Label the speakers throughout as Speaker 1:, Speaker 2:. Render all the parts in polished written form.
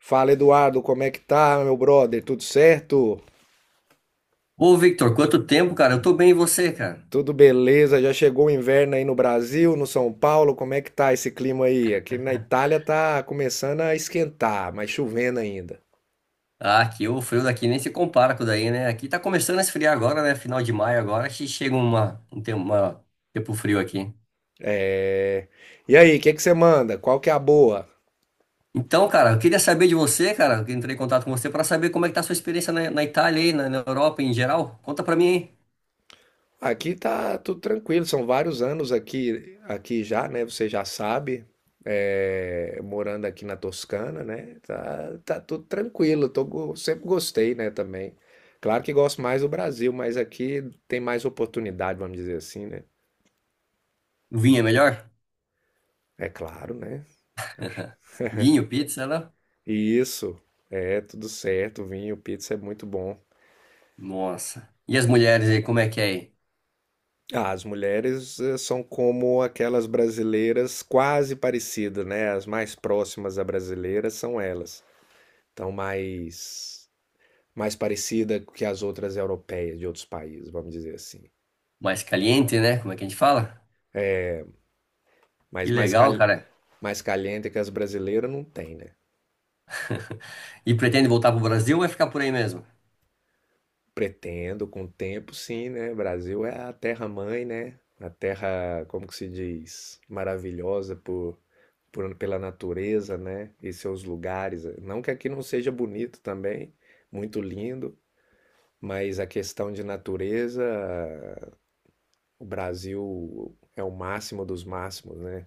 Speaker 1: Fala, Eduardo, como é que tá, meu brother? Tudo certo?
Speaker 2: Ô, Victor, quanto tempo, cara? Eu tô bem, e você, cara?
Speaker 1: Tudo beleza? Já chegou o inverno aí no Brasil, no São Paulo? Como é que tá esse clima aí? Aqui na Itália tá começando a esquentar, mas chovendo ainda.
Speaker 2: Ah, aqui o frio daqui nem se compara com o daí, né? Aqui tá começando a esfriar agora, né? Final de maio agora, que chega uma, um tempo, uma- tempo frio aqui.
Speaker 1: É... E aí, o que é que você manda? Qual que é a boa?
Speaker 2: Então, cara, eu queria saber de você, cara, que entrei em contato com você pra saber como é que tá a sua experiência na Itália aí, na Europa em geral. Conta pra mim, hein?
Speaker 1: Aqui tá tudo tranquilo, são vários anos aqui, aqui já, né? Você já sabe, morando aqui na Toscana, né? Tá, tá tudo tranquilo, tô, sempre gostei, né, também. Claro que gosto mais do Brasil, mas aqui tem mais oportunidade, vamos dizer assim, né?
Speaker 2: Vinho é melhor?
Speaker 1: É claro, né? Acho.
Speaker 2: Vinho, pizza, né?
Speaker 1: E isso, é tudo certo, vinho, pizza é muito bom.
Speaker 2: Nossa. E as mulheres aí, como é que é aí?
Speaker 1: Ah, as mulheres são como aquelas brasileiras quase parecidas, né? As mais próximas a brasileiras são elas. Então, mais parecida que as outras europeias de outros países, vamos dizer assim.
Speaker 2: Mais caliente, né? Como é que a gente fala?
Speaker 1: Mas
Speaker 2: Que
Speaker 1: mais,
Speaker 2: legal,
Speaker 1: cal,
Speaker 2: cara.
Speaker 1: mais caliente que as brasileiras não tem, né?
Speaker 2: E pretende voltar pro Brasil ou vai ficar por aí mesmo?
Speaker 1: Pretendo, com o tempo, sim, né? Brasil é a terra-mãe, né? A terra, como que se diz? Maravilhosa pela natureza, né? E seus lugares. Não que aqui não seja bonito também, muito lindo, mas a questão de natureza, o Brasil é o máximo dos máximos, né?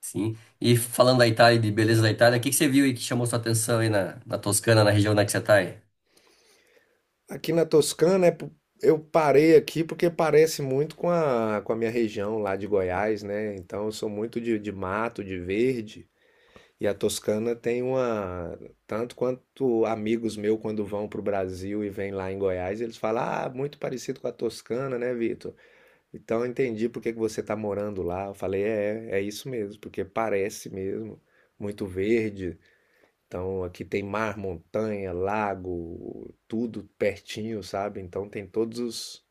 Speaker 2: Sim. E falando da Itália e de beleza da Itália, o que que você viu aí que chamou sua atenção aí na Toscana, na região onde é que você tá aí?
Speaker 1: Aqui na Toscana, eu parei aqui porque parece muito com a minha região lá de Goiás, né? Então eu sou muito de mato, de verde. E a Toscana tem uma. Tanto quanto amigos meus, quando vão para o Brasil e vêm lá em Goiás, eles falam: Ah, muito parecido com a Toscana, né, Vitor? Então eu entendi por que que você está morando lá. Eu falei: É, é isso mesmo, porque parece mesmo. Muito verde, então aqui tem mar, montanha, lago, tudo pertinho, sabe? Então tem todos os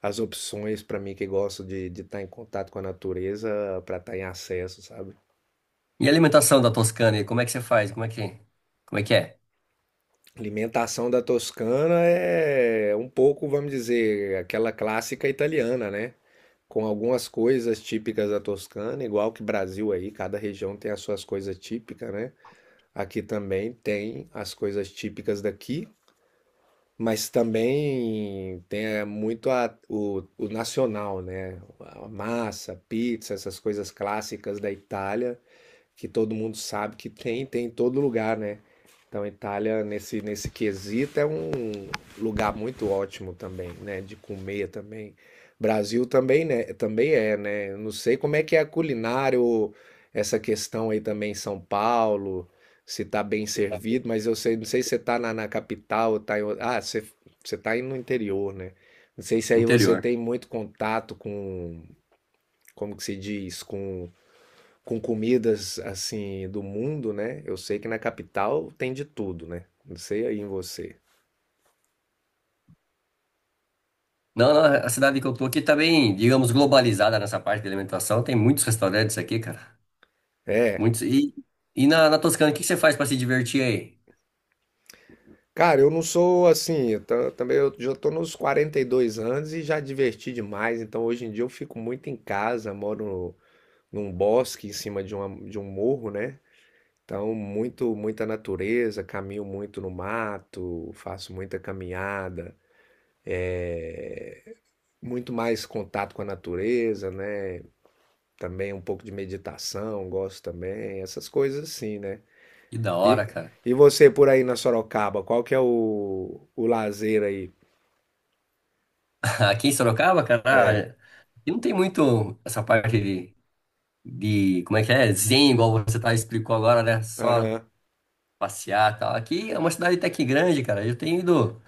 Speaker 1: as opções para mim que gosto de estar em contato com a natureza para estar em acesso, sabe?
Speaker 2: E a alimentação da Toscana aí, como é que você faz? Como é que é?
Speaker 1: Alimentação da Toscana é um pouco, vamos dizer, aquela clássica italiana, né? Com algumas coisas típicas da Toscana, igual que Brasil aí, cada região tem as suas coisas típicas, né? Aqui também tem as coisas típicas daqui, mas também tem é, muito a- o nacional, né? A massa, pizza, essas coisas clássicas da Itália que todo mundo sabe que tem em todo lugar, né? Então, a Itália, nesse quesito, é um lugar muito ótimo também, né? De comer também. Brasil também, né? Também é, né? Eu não sei como é que é a culinária, ou essa questão aí também em São Paulo, se tá bem servido, mas eu sei, não sei se você tá na capital, ou tá em, você, você tá aí no interior, né? Não sei se aí você
Speaker 2: Interior.
Speaker 1: tem muito contato com, como que se diz, com comidas assim do mundo, né? Eu sei que na capital tem de tudo, né? Não sei aí em você.
Speaker 2: Não, a cidade que eu tô aqui tá bem, digamos, globalizada nessa parte de alimentação. Tem muitos restaurantes aqui, cara.
Speaker 1: É.
Speaker 2: Muitos. E na Toscana, o que que você faz pra se divertir aí?
Speaker 1: Cara, eu não sou assim, também eu já tô nos 42 anos e já diverti demais, então hoje em dia eu fico muito em casa, moro num bosque em cima de de um morro, né? Então, muita natureza, caminho muito no mato, faço muita caminhada, é, muito mais contato com a natureza, né? Também um pouco de meditação, gosto também, essas coisas assim, né?
Speaker 2: Que da hora,
Speaker 1: E,
Speaker 2: cara.
Speaker 1: e você por aí na Sorocaba, qual que é o lazer aí?
Speaker 2: Aqui em Sorocaba,
Speaker 1: É,
Speaker 2: cara, aqui não tem muito essa parte de, como é que é? Zen, igual você tá explicou agora, né? Só
Speaker 1: aham,
Speaker 2: passear e tal. Aqui é uma cidade até que grande, cara. Eu tenho ido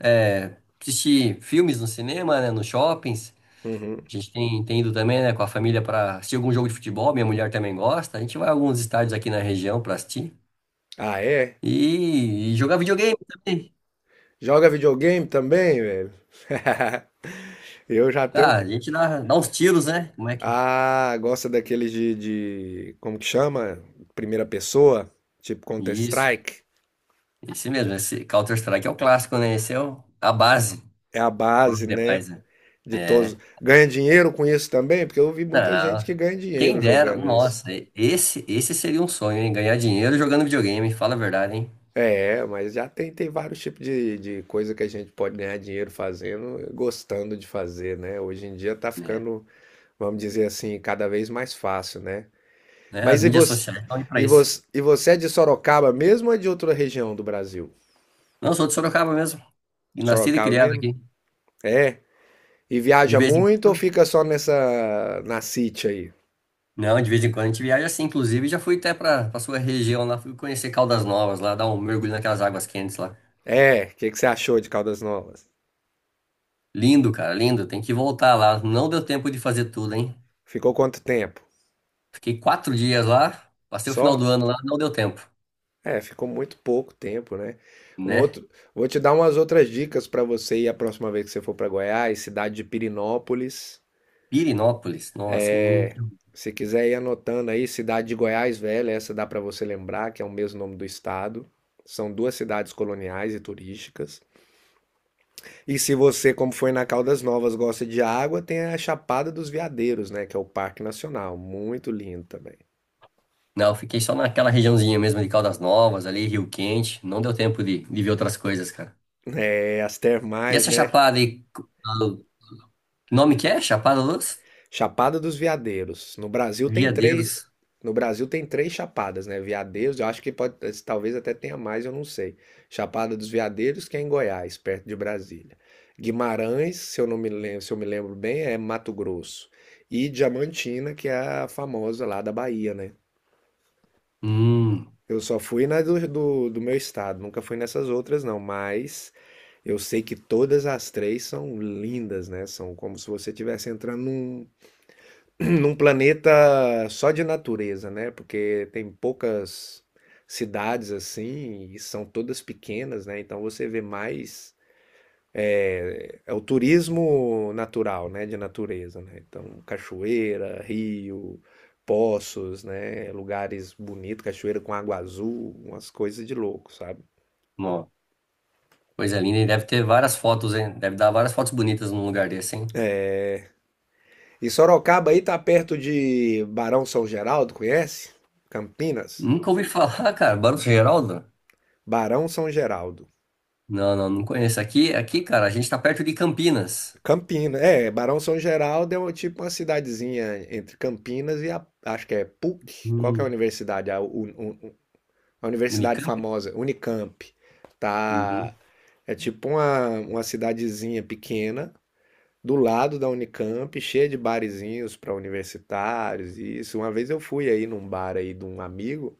Speaker 2: assistir filmes no cinema, né, nos shoppings.
Speaker 1: uhum.
Speaker 2: A gente tem ido também, né, com a família para assistir algum jogo de futebol. Minha mulher também gosta. A gente vai a alguns estádios aqui na região para assistir.
Speaker 1: Ah, é?
Speaker 2: E jogar videogame também.
Speaker 1: Joga videogame também, velho? Eu já
Speaker 2: Ah,
Speaker 1: tenho.
Speaker 2: a gente dá uns tiros, né? Como é que.
Speaker 1: Ah, gosta daqueles de. Como que chama? Primeira pessoa? Tipo
Speaker 2: Isso.
Speaker 1: Counter-Strike?
Speaker 2: Esse mesmo, esse Counter-Strike é o clássico, né? Esse é o, a base
Speaker 1: É a
Speaker 2: para
Speaker 1: base,
Speaker 2: os
Speaker 1: né?
Speaker 2: demais, né?
Speaker 1: De todos.
Speaker 2: É.
Speaker 1: Ganha dinheiro com isso também? Porque eu vi muita gente
Speaker 2: Não.
Speaker 1: que ganha
Speaker 2: Quem
Speaker 1: dinheiro
Speaker 2: dera,
Speaker 1: jogando isso.
Speaker 2: nossa, esse seria um sonho, hein? Ganhar dinheiro jogando videogame, fala a verdade, hein?
Speaker 1: É, mas já tem vários tipos de coisa que a gente pode ganhar dinheiro fazendo, gostando de fazer, né? Hoje em dia tá
Speaker 2: É,
Speaker 1: ficando, vamos dizer assim, cada vez mais fácil, né?
Speaker 2: né? As
Speaker 1: Mas e
Speaker 2: mídias
Speaker 1: você,
Speaker 2: sociais estão aí pra isso.
Speaker 1: e você é de Sorocaba mesmo ou é de outra região do Brasil?
Speaker 2: Não, sou de Sorocaba mesmo, e nascido e
Speaker 1: Sorocaba
Speaker 2: criado
Speaker 1: mesmo?
Speaker 2: aqui.
Speaker 1: É. E
Speaker 2: De
Speaker 1: viaja
Speaker 2: vez em
Speaker 1: muito ou
Speaker 2: quando,
Speaker 1: fica só nessa, na City aí?
Speaker 2: não, de vez em quando a gente viaja assim, inclusive já fui até pra sua região lá, fui conhecer Caldas Novas lá, dar um mergulho naquelas águas quentes lá.
Speaker 1: É, o que que você achou de Caldas Novas?
Speaker 2: Lindo, cara, lindo, tem que voltar lá. Não deu tempo de fazer tudo, hein?
Speaker 1: Ficou quanto tempo?
Speaker 2: Fiquei quatro dias lá, passei o final do
Speaker 1: Só?
Speaker 2: ano lá, não deu tempo,
Speaker 1: É, ficou muito pouco tempo, né? Um
Speaker 2: né?
Speaker 1: outro, vou te dar umas outras dicas para você ir a próxima vez que você for para Goiás, cidade de Pirinópolis.
Speaker 2: Pirinópolis, nossa. Hum.
Speaker 1: Se quiser ir anotando aí, cidade de Goiás Velha, essa dá para você lembrar, que é o mesmo nome do estado. São duas cidades coloniais e turísticas. E se você, como foi na Caldas Novas, gosta de água, tem a Chapada dos Veadeiros, né, que é o Parque Nacional, muito lindo também.
Speaker 2: Não, eu fiquei só naquela regiãozinha mesmo de Caldas Novas, ali, Rio Quente. Não deu tempo de ver outras coisas, cara.
Speaker 1: É, as
Speaker 2: E
Speaker 1: termais,
Speaker 2: essa
Speaker 1: né?
Speaker 2: chapada aí, que nome que é? Chapada dos
Speaker 1: Chapada dos Veadeiros. No Brasil tem três.
Speaker 2: Veadeiros.
Speaker 1: No Brasil tem três chapadas, né? Veadeiros, eu acho que pode, talvez até tenha mais, eu não sei. Chapada dos Veadeiros, que é em Goiás, perto de Brasília. Guimarães, se eu não me lembro, se eu me lembro bem, é Mato Grosso. E Diamantina, que é a famosa lá da Bahia, né?
Speaker 2: Hum.
Speaker 1: Eu só fui na do meu estado, nunca fui nessas outras, não, mas eu sei que todas as três são lindas, né? São como se você estivesse entrando num, num planeta só de natureza, né? Porque tem poucas cidades assim e são todas pequenas, né? Então você vê mais é o turismo natural, né? De natureza, né? Então cachoeira, rio, poços, né? Lugares bonitos, cachoeira com água azul, umas coisas de louco, sabe?
Speaker 2: Ó, coisa linda. E deve ter várias fotos, hein? Deve dar várias fotos bonitas num lugar desse, hein?
Speaker 1: E Sorocaba aí tá perto de Barão São Geraldo, conhece? Campinas,
Speaker 2: Nunca ouvi falar, cara. Barros Geraldo?
Speaker 1: Barão São Geraldo.
Speaker 2: Não, não conheço. Aqui, cara, a gente tá perto de Campinas.
Speaker 1: Campinas, é, Barão São Geraldo é tipo uma cidadezinha entre Campinas e a, acho que é PUC, qual que é a
Speaker 2: Hum.
Speaker 1: universidade? A universidade
Speaker 2: Unicamp?
Speaker 1: famosa, Unicamp, tá,
Speaker 2: Uhum.
Speaker 1: é tipo uma cidadezinha pequena, do lado da Unicamp, cheia de barezinhos para universitários, e isso, uma vez eu fui aí num bar aí de um amigo,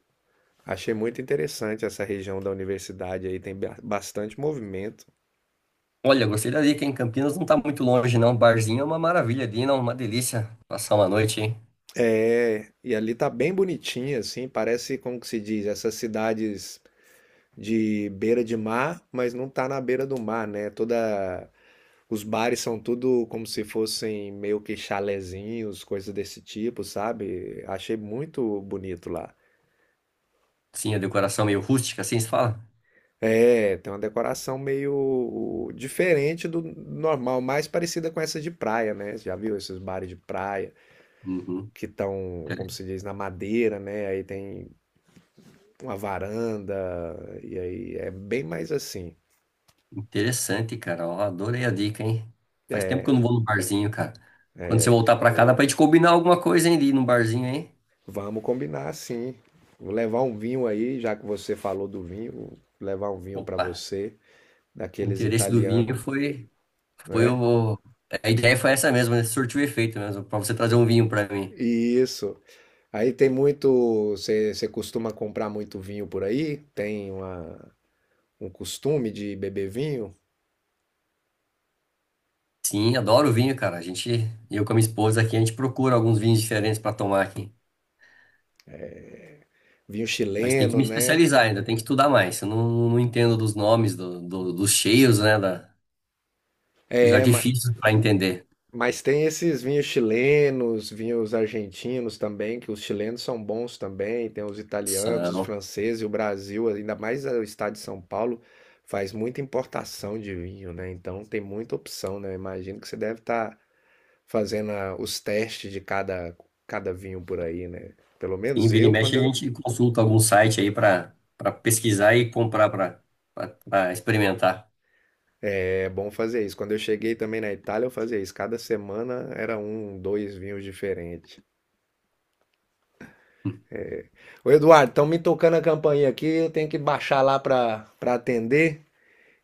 Speaker 1: achei muito interessante essa região da universidade aí, tem bastante movimento.
Speaker 2: Olha, gostei da dica, hein? Campinas não tá muito longe, não. Barzinho é uma maravilha, Dina, uma delícia passar uma noite, hein?
Speaker 1: É, e ali tá bem bonitinha, assim, parece, como que se diz, essas cidades de beira de mar, mas não tá na beira do mar, né? Toda, os bares são tudo como se fossem meio que chalezinhos, coisas desse tipo, sabe? Achei muito bonito lá.
Speaker 2: Sim, a decoração meio rústica, assim se fala?
Speaker 1: É, tem uma decoração meio diferente do normal, mais parecida com essa de praia, né? Você já viu esses bares de praia
Speaker 2: Uhum.
Speaker 1: que estão, como
Speaker 2: Inter-
Speaker 1: se diz, na madeira, né? Aí tem uma varanda, e aí é bem mais assim.
Speaker 2: Interessante, cara. Ó, adorei a dica, hein? Faz tempo que eu não vou no barzinho, cara. Quando você voltar pra cá, dá pra gente combinar alguma coisa, hein, de ir num barzinho, hein?
Speaker 1: Vamos combinar assim. Vou levar um vinho aí, já que você falou do vinho, vou levar um vinho para
Speaker 2: Opa,
Speaker 1: você,
Speaker 2: o
Speaker 1: daqueles
Speaker 2: interesse do vinho
Speaker 1: italiano,
Speaker 2: foi, foi
Speaker 1: né?
Speaker 2: o... A ideia foi essa mesmo, né? Surtiu efeito mesmo, pra você trazer um vinho pra mim.
Speaker 1: Isso. Aí tem muito, você costuma comprar muito vinho por aí? Tem uma, um costume de beber vinho?
Speaker 2: Sim, adoro vinho, cara. A gente, eu com a minha esposa aqui, a gente procura alguns vinhos diferentes pra tomar aqui.
Speaker 1: Vinho
Speaker 2: Mas tem que
Speaker 1: chileno,
Speaker 2: me
Speaker 1: né?
Speaker 2: especializar ainda, tem que estudar mais. Eu não entendo dos nomes, dos cheios, né? Os artifícios para entender.
Speaker 1: Mas tem esses vinhos chilenos, vinhos argentinos também, que os chilenos são bons também, tem os italianos, os
Speaker 2: São.
Speaker 1: franceses, e o Brasil, ainda mais o estado de São Paulo, faz muita importação de vinho, né? Então tem muita opção, né? Eu imagino que você deve estar fazendo os testes de cada vinho por aí, né? Pelo
Speaker 2: Em
Speaker 1: menos
Speaker 2: vira e
Speaker 1: eu,
Speaker 2: mexe,
Speaker 1: quando
Speaker 2: a
Speaker 1: eu...
Speaker 2: gente consulta algum site aí para pesquisar e comprar para experimentar.
Speaker 1: É bom fazer isso. Quando eu cheguei também na Itália, eu fazia isso. Cada semana era um, dois vinhos diferentes. Ô Eduardo, estão me tocando a campainha aqui, eu tenho que baixar lá para atender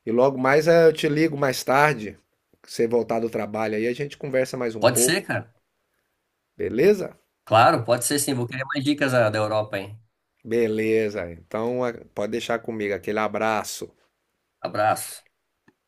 Speaker 1: e logo mais eu te ligo mais tarde, que você voltar do trabalho aí, a gente conversa mais um
Speaker 2: Pode ser,
Speaker 1: pouco,
Speaker 2: cara.
Speaker 1: beleza?
Speaker 2: Claro, pode ser sim. Vou querer mais dicas da Europa, hein?
Speaker 1: Beleza, então pode deixar comigo, aquele abraço.
Speaker 2: Abraço.